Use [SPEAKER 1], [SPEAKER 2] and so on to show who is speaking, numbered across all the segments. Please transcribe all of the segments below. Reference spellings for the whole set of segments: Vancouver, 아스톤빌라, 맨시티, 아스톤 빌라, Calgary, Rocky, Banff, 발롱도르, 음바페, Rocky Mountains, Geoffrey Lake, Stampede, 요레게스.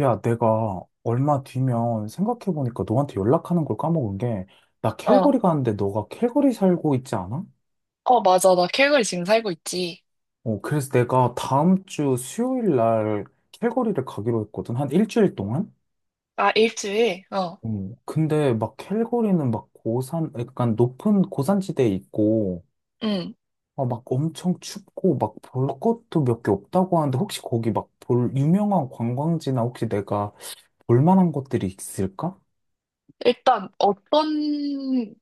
[SPEAKER 1] 야, 내가 얼마 뒤면 생각해보니까 너한테 연락하는 걸 까먹은 게, 나
[SPEAKER 2] 어,
[SPEAKER 1] 캘거리 가는데 너가 캘거리 살고 있지 않아?
[SPEAKER 2] 어, 맞아. 나케거리 지금 살고 있지.
[SPEAKER 1] 어, 그래서 내가 다음 주 수요일 날 캘거리를 가기로 했거든. 한 일주일 동안?
[SPEAKER 2] 아, 일주일? 어,
[SPEAKER 1] 어, 근데 캘거리는 고산, 약간 높은 고산지대에 있고,
[SPEAKER 2] 응.
[SPEAKER 1] 엄청 춥고, 볼 것도 몇 개 없다고 하는데, 혹시 거기 볼 유명한 관광지나 혹시 내가 볼 만한 것들이 있을까?
[SPEAKER 2] 일단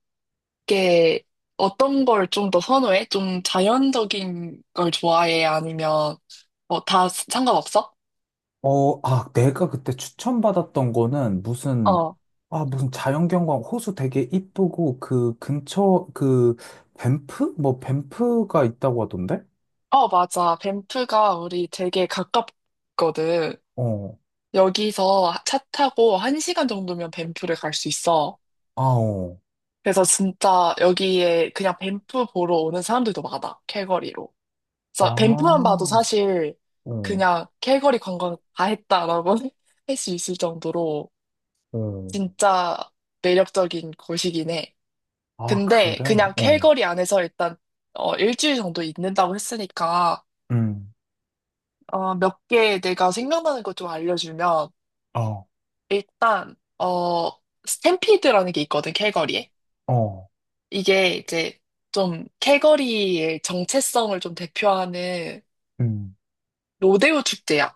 [SPEAKER 2] 게, 어떤 걸 좀 더 선호해? 좀 자연적인 걸 좋아해? 아니면, 뭐, 다 상관없어?
[SPEAKER 1] 어, 아, 내가 그때 추천받았던 거는 무슨,
[SPEAKER 2] 어,
[SPEAKER 1] 아, 무슨 자연경관 호수 되게 이쁘고 그 근처, 그 밴프? 뭐 밴프가 있다고 하던데?
[SPEAKER 2] 어, 맞아. 밴프가 우리 되게 가깝거든.
[SPEAKER 1] 어,
[SPEAKER 2] 여기서 차 타고 1시간 정도면 밴프를 갈 수 있어.
[SPEAKER 1] 아, 어,
[SPEAKER 2] 그래서 진짜 여기에 그냥 밴프 보러 오는 사람들도 많아. 캘거리로.
[SPEAKER 1] 아,
[SPEAKER 2] 자, 밴프만 봐도
[SPEAKER 1] 어,
[SPEAKER 2] 사실 그냥 캘거리 관광 다 했다라고 할 수 있을 정도로
[SPEAKER 1] 어,
[SPEAKER 2] 진짜 매력적인 곳이긴 해.
[SPEAKER 1] 아,
[SPEAKER 2] 근데
[SPEAKER 1] 그래?
[SPEAKER 2] 그냥
[SPEAKER 1] 어,
[SPEAKER 2] 캘거리 안에서 일단 일주일 정도 있는다고 했으니까
[SPEAKER 1] 음,
[SPEAKER 2] 몇 개 내가 생각나는 것 좀 알려주면
[SPEAKER 1] 어,
[SPEAKER 2] 일단 스탬피드라는 게 있거든, 캘거리에.
[SPEAKER 1] 어,
[SPEAKER 2] 이게 이제 좀 캘거리의 정체성을 좀 대표하는
[SPEAKER 1] 음,
[SPEAKER 2] 로데오 축제야.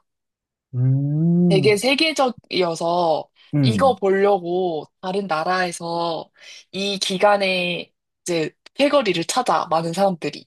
[SPEAKER 2] 되게
[SPEAKER 1] 음,
[SPEAKER 2] 세계적이어서 이거
[SPEAKER 1] 음.
[SPEAKER 2] 보려고 다른 나라에서 이 기간에 이제 캘거리를 찾아, 많은 사람들이.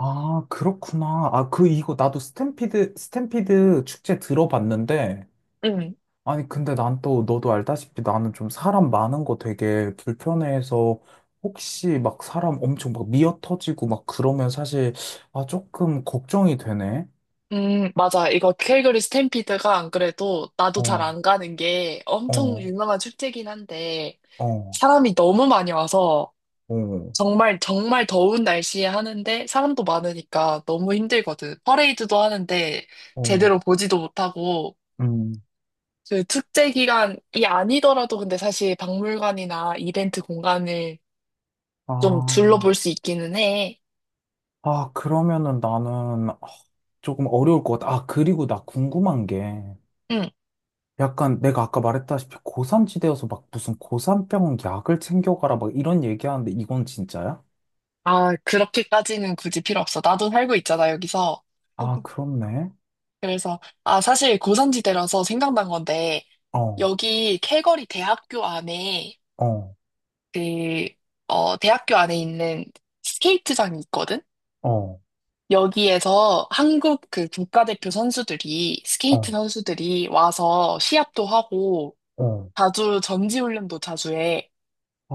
[SPEAKER 1] 아, 그렇구나. 아, 그, 이거 나도 스탬피드 축제 들어봤는데,
[SPEAKER 2] 응.
[SPEAKER 1] 아니, 근데 난 또, 너도 알다시피 나는 좀 사람 많은 거 되게 불편해해서 혹시 사람 엄청 미어 터지고 그러면 사실, 아, 조금 걱정이 되네.
[SPEAKER 2] 맞아. 이거 캘거리 스탬피드가 안 그래도 나도 잘
[SPEAKER 1] 어,
[SPEAKER 2] 안 가는 게 엄청
[SPEAKER 1] 어,
[SPEAKER 2] 유명한 축제긴 한데
[SPEAKER 1] 어,
[SPEAKER 2] 사람이 너무 많이 와서
[SPEAKER 1] 어,
[SPEAKER 2] 정말 정말 더운 날씨에 하는데 사람도 많으니까 너무 힘들거든. 퍼레이드도 하는데
[SPEAKER 1] 어,
[SPEAKER 2] 제대로 보지도 못하고
[SPEAKER 1] 음.
[SPEAKER 2] 그 축제 기간이 아니더라도 근데 사실 박물관이나 이벤트 공간을 좀 둘러볼
[SPEAKER 1] 아,
[SPEAKER 2] 수 있기는 해.
[SPEAKER 1] 아, 그러면은 나는 아, 조금 어려울 것 같아. 아, 그리고 나 궁금한 게
[SPEAKER 2] 응.
[SPEAKER 1] 약간 내가 아까 말했다시피 고산지대여서 무슨 고산병 약을 챙겨가라 이런 얘기하는데 이건 진짜야?
[SPEAKER 2] 아, 그렇게까지는 굳이 필요 없어. 나도 살고 있잖아, 여기서.
[SPEAKER 1] 아, 그렇네.
[SPEAKER 2] 그래서, 아, 사실 고산지대라서 생각난 건데,
[SPEAKER 1] 어.
[SPEAKER 2] 여기 calgary 대학교 안에,
[SPEAKER 1] 어,
[SPEAKER 2] 그, 대학교 안에 있는 스케이트장이 있거든?
[SPEAKER 1] 어,
[SPEAKER 2] 여기에서 한국 그 국가대표 선수들이, 스케이트
[SPEAKER 1] 어,
[SPEAKER 2] 선수들이 와서 시합도 하고,
[SPEAKER 1] 어.
[SPEAKER 2] 자주 전지훈련도 자주 해.
[SPEAKER 1] 아,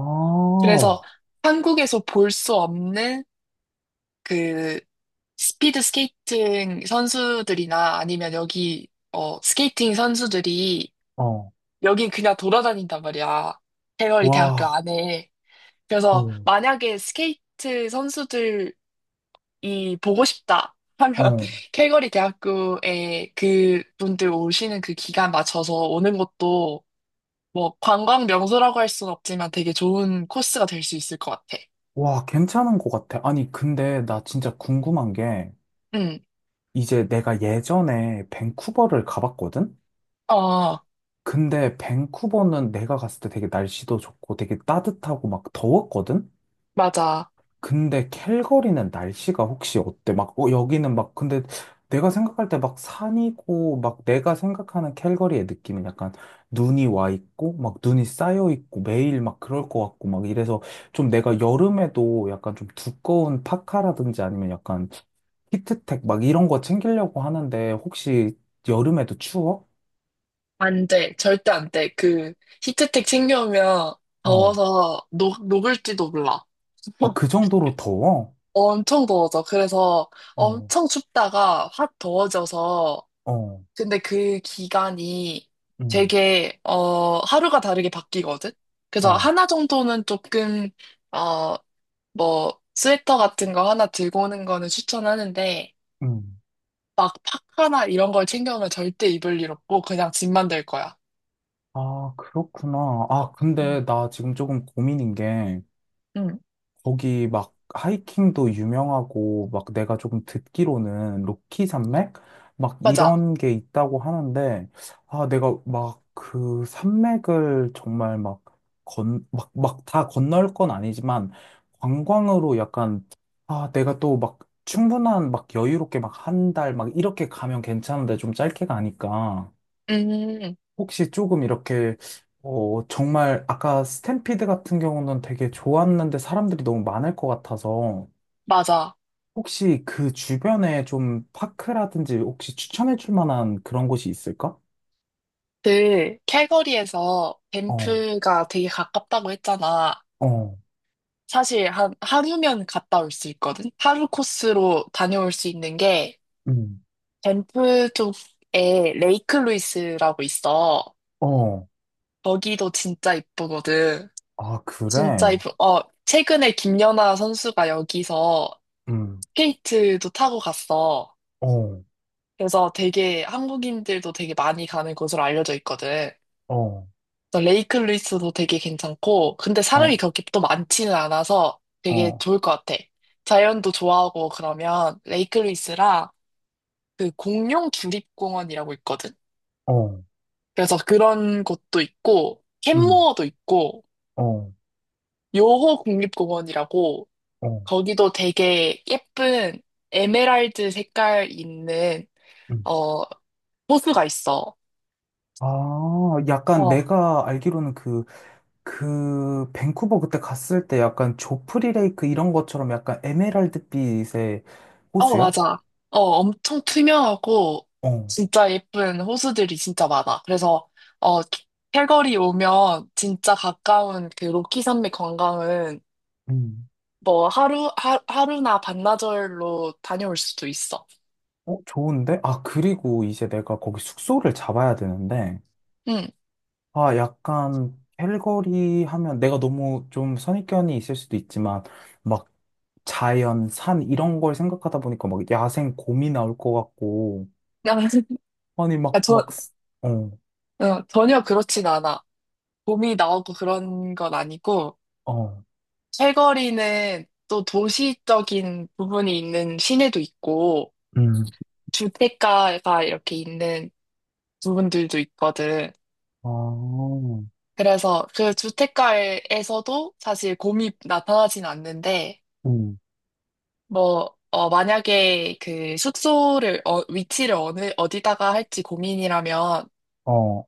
[SPEAKER 2] 그래서
[SPEAKER 1] 어,
[SPEAKER 2] 한국에서 볼 수 없는 그 스피드 스케이팅 선수들이나 아니면 여기 스케이팅 선수들이
[SPEAKER 1] 어.
[SPEAKER 2] 여긴 그냥 돌아다닌단 말이야. 대거리 대학교
[SPEAKER 1] 와,
[SPEAKER 2] 안에. 그래서
[SPEAKER 1] 어,
[SPEAKER 2] 만약에 스케이트 선수들이 보고 싶다 하면
[SPEAKER 1] 어.
[SPEAKER 2] calgary 대학교에 그분들 오시는 그 기간 맞춰서 오는 것도 뭐 관광 명소라고 할 순 없지만 되게 좋은 코스가 될 수 있을 것 같아.
[SPEAKER 1] 와, 괜찮은 것 같아. 아니, 근데 나 진짜 궁금한 게,
[SPEAKER 2] 응.
[SPEAKER 1] 이제 내가 예전에 밴쿠버를 가봤거든?
[SPEAKER 2] 어,
[SPEAKER 1] 근데 밴쿠버는 내가 갔을 때 되게 날씨도 좋고 되게 따뜻하고 더웠거든?
[SPEAKER 2] 맞아.
[SPEAKER 1] 근데 캘거리는 날씨가 혹시 어때? 어, 여기는 막, 근데 내가 생각할 때 산이고, 내가 생각하는 캘거리의 느낌은 약간 눈이 와 있고, 눈이 쌓여 있고, 매일 그럴 것 같고, 이래서 좀 내가 여름에도 약간 좀 두꺼운 파카라든지 아니면 약간 히트텍 이런 거 챙기려고 하는데, 혹시 여름에도 추워?
[SPEAKER 2] 안 돼. 절대 안 돼. 그 히트텍 챙겨오면
[SPEAKER 1] 어.
[SPEAKER 2] 더워서 녹을지도 몰라.
[SPEAKER 1] 아, 그 정도로 더워?
[SPEAKER 2] 엄청 더워져. 그래서
[SPEAKER 1] 어,
[SPEAKER 2] 엄청 춥다가 확 더워져서
[SPEAKER 1] 어,
[SPEAKER 2] 근데 그 기간이
[SPEAKER 1] 음,
[SPEAKER 2] 되게 하루가 다르게 바뀌거든. 그래서
[SPEAKER 1] 어.
[SPEAKER 2] 하나 정도는 조금 어 뭐 스웨터 같은 거 하나 들고 오는 거는 추천하는데
[SPEAKER 1] 음.
[SPEAKER 2] 막 파카나 이런 걸 챙겨오면 절대 입을 일 없고 그냥 짐만 될 거야.
[SPEAKER 1] 아, 그렇구나. 아,
[SPEAKER 2] 음.
[SPEAKER 1] 근데 나 지금 조금 고민인 게,
[SPEAKER 2] 응,
[SPEAKER 1] 거기 하이킹도 유명하고, 내가 조금 듣기로는 로키 산맥?
[SPEAKER 2] 맞아.
[SPEAKER 1] 이런 게 있다고 하는데, 아, 내가 그 산맥을 정말 막 건, 막, 막 다 건널 건 아니지만, 관광으로 약간, 아, 내가 또 충분한 여유롭게 한 달 이렇게 가면 괜찮은데 좀 짧게 가니까.
[SPEAKER 2] 음,
[SPEAKER 1] 혹시 조금 이렇게, 어, 정말 아까 스탬피드 같은 경우는 되게 좋았는데 사람들이 너무 많을 것 같아서
[SPEAKER 2] 맞아.
[SPEAKER 1] 혹시 그 주변에 좀 파크라든지 혹시 추천해 줄 만한 그런 곳이 있을까?
[SPEAKER 2] 그 캘거리에서
[SPEAKER 1] 어,
[SPEAKER 2] 밴프가 되게 가깝다고 했잖아.
[SPEAKER 1] 어,
[SPEAKER 2] 사실 한 하루면 갔다 올 수 있거든. 하루 코스로 다녀올 수 있는 게
[SPEAKER 1] 음,
[SPEAKER 2] 밴프 쪽에 레이크 루이스라고 있어.
[SPEAKER 1] 어,
[SPEAKER 2] 거기도 진짜 이쁘거든.
[SPEAKER 1] 아,
[SPEAKER 2] 진짜
[SPEAKER 1] 그래?
[SPEAKER 2] 이쁘. 최근에 김연아 선수가 여기서
[SPEAKER 1] 음,
[SPEAKER 2] 스케이트도 타고 갔어.
[SPEAKER 1] 어,
[SPEAKER 2] 그래서 되게 한국인들도 되게 많이 가는 곳으로 알려져 있거든.
[SPEAKER 1] 어,
[SPEAKER 2] 그래서 레이크 루이스도 되게 괜찮고, 근데
[SPEAKER 1] 어,
[SPEAKER 2] 사람이 그렇게 또 많지는 않아서 되게
[SPEAKER 1] 어,
[SPEAKER 2] 좋을 것 같아. 자연도 좋아하고 그러면 레이크 루이스랑 그 공룡 주립공원이라고 있거든.
[SPEAKER 1] 어,
[SPEAKER 2] 그래서 그런 곳도 있고,
[SPEAKER 1] 음,
[SPEAKER 2] 캔모어도 있고,
[SPEAKER 1] 어,
[SPEAKER 2] 요호 국립공원이라고
[SPEAKER 1] 어,
[SPEAKER 2] 거기도 되게 예쁜 에메랄드 색깔 있는
[SPEAKER 1] 음.
[SPEAKER 2] 어 호수가 있어.
[SPEAKER 1] 아, 약간
[SPEAKER 2] 어,
[SPEAKER 1] 내가 알기로는 밴쿠버 그때 갔을 때 약간 조프리 레이크 이런 것처럼 약간 에메랄드빛의
[SPEAKER 2] 어,
[SPEAKER 1] 호수야?
[SPEAKER 2] 맞아. 엄청 투명하고
[SPEAKER 1] 어.
[SPEAKER 2] 진짜 예쁜 호수들이 진짜 많아. 그래서 어, calgary 오면 진짜 가까운 그 로키 산맥 관광은
[SPEAKER 1] 음.
[SPEAKER 2] 뭐 하루나 반나절로 다녀올 수도 있어.
[SPEAKER 1] 어, 좋은데? 아, 그리고 이제 내가 거기 숙소를 잡아야 되는데,
[SPEAKER 2] 응.
[SPEAKER 1] 아, 약간, 캘거리 하면 내가 너무 좀 선입견이 있을 수도 있지만, 막, 자연, 산, 이런 걸 생각하다 보니까 야생 곰이 나올 것 같고,
[SPEAKER 2] 그냥
[SPEAKER 1] 아니,
[SPEAKER 2] 그러니까
[SPEAKER 1] 어,
[SPEAKER 2] 전혀 그렇진 않아. 봄이 나오고 그런 건 아니고
[SPEAKER 1] 어,
[SPEAKER 2] 캘거리는 또 도시적인 부분이 있는 시내도 있고
[SPEAKER 1] 음.
[SPEAKER 2] 주택가가 이렇게 있는 부분들도 있거든.
[SPEAKER 1] 아,
[SPEAKER 2] 그래서 그 주택가에서도 사실 곰이 나타나진 않는데,
[SPEAKER 1] 음.
[SPEAKER 2] 뭐, 만약에 그 위치를 어디다가 할지 고민이라면,
[SPEAKER 1] 어,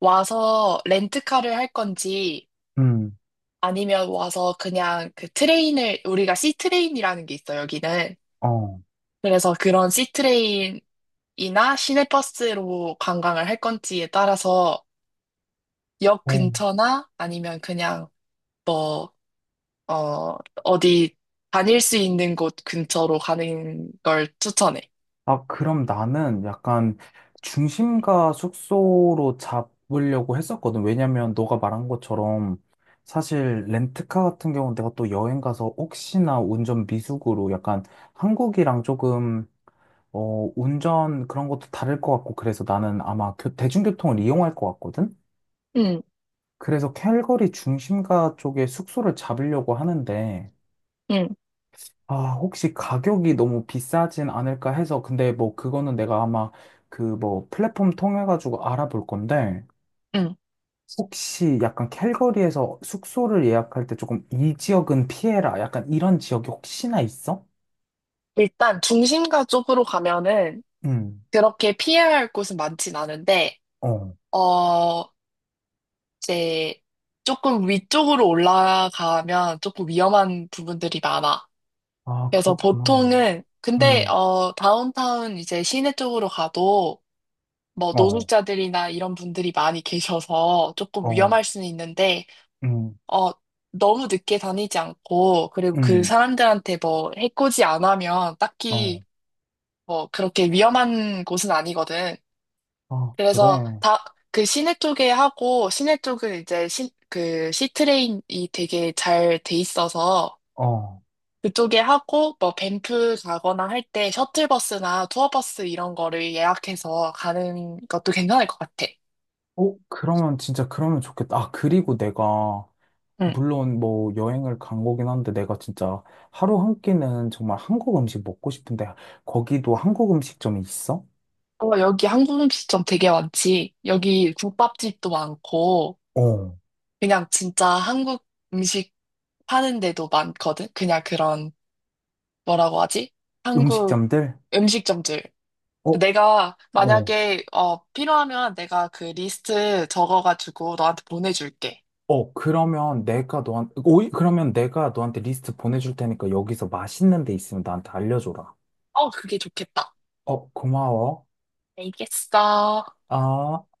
[SPEAKER 2] 와서 렌트카를 할 건지,
[SPEAKER 1] 음,
[SPEAKER 2] 아니면 와서 그냥 우리가 C트레인이라는 게 있어요, 여기는.
[SPEAKER 1] 어.
[SPEAKER 2] 그래서 그런 C트레인이나 시내버스로 관광을 할 건지에 따라서 역
[SPEAKER 1] 어.
[SPEAKER 2] 근처나 아니면 그냥 뭐 어, 어디 다닐 수 있는 곳 근처로 가는 걸 추천해.
[SPEAKER 1] 아, 그럼 나는 약간 중심가 숙소로 잡으려고 했었거든. 왜냐면 너가 말한 것처럼 사실 렌트카 같은 경우는 내가 또 여행 가서 혹시나 운전 미숙으로 약간 한국이랑 조금 어, 운전 그런 것도 다를 것 같고 그래서 나는 아마 대중교통을 이용할 것 같거든.
[SPEAKER 2] 응,
[SPEAKER 1] 그래서 캘거리 중심가 쪽에 숙소를 잡으려고 하는데
[SPEAKER 2] 응,
[SPEAKER 1] 아, 혹시 가격이 너무 비싸진 않을까 해서, 근데 뭐 그거는 내가 아마 그 뭐 플랫폼 통해가지고 알아볼 건데,
[SPEAKER 2] 응.
[SPEAKER 1] 혹시 약간 캘거리에서 숙소를 예약할 때 조금 이 지역은 피해라. 약간 이런 지역이 혹시나 있어?
[SPEAKER 2] 일단 중심가 쪽으로 가면은
[SPEAKER 1] 음,
[SPEAKER 2] 그렇게 피해야 할 곳은 많진 않은데,
[SPEAKER 1] 어.
[SPEAKER 2] 어, 이제 조금 위쪽으로 올라가면 조금 위험한 부분들이 많아.
[SPEAKER 1] 아,
[SPEAKER 2] 그래서
[SPEAKER 1] 그렇구나.
[SPEAKER 2] 보통은, 근데,
[SPEAKER 1] 음,
[SPEAKER 2] 다운타운 이제 시내 쪽으로 가도 뭐
[SPEAKER 1] 어,
[SPEAKER 2] 노숙자들이나 이런 분들이 많이 계셔서 조금
[SPEAKER 1] 어,
[SPEAKER 2] 위험할 수는 있는데,
[SPEAKER 1] 음,
[SPEAKER 2] 어, 너무 늦게 다니지 않고, 그리고 그
[SPEAKER 1] 음,
[SPEAKER 2] 사람들한테 뭐 해코지 안 하면
[SPEAKER 1] 어.
[SPEAKER 2] 딱히 뭐 그렇게 위험한 곳은 아니거든.
[SPEAKER 1] 아, 그래.
[SPEAKER 2] 그래서 그 시내 쪽에 하고, 시내 쪽은 이제 그 시트레인이 되게 잘 돼 있어서
[SPEAKER 1] 어.
[SPEAKER 2] 그쪽에 하고, 뭐 밴프 가거나 할 때 셔틀버스나 투어버스 이런 거를 예약해서 가는 것도 괜찮을 것 같아.
[SPEAKER 1] 어, 그러면 진짜 그러면 좋겠다. 아, 그리고 내가
[SPEAKER 2] 응.
[SPEAKER 1] 물론 뭐 여행을 간 거긴 한데 내가 진짜 하루 한 끼는 정말 한국 음식 먹고 싶은데 거기도 한국 음식점이 있어?
[SPEAKER 2] 어, 여기 한국 음식점 되게 많지. 여기 국밥집도 많고,
[SPEAKER 1] 어.
[SPEAKER 2] 그냥 진짜 한국 음식 파는 데도 많거든? 그냥 그런, 뭐라고 하지? 한국
[SPEAKER 1] 음식점들?
[SPEAKER 2] 음식점들.
[SPEAKER 1] 어,
[SPEAKER 2] 내가
[SPEAKER 1] 어.
[SPEAKER 2] 만약에, 필요하면 내가 그 리스트 적어가지고 너한테 보내줄게.
[SPEAKER 1] 어, 그러면 오이, 그러면 내가 너한테 리스트 보내줄 테니까 여기서 맛있는 데 있으면 나한테 알려줘라.
[SPEAKER 2] 어, 그게 좋겠다.
[SPEAKER 1] 어, 고마워.
[SPEAKER 2] 알겠어.
[SPEAKER 1] 아.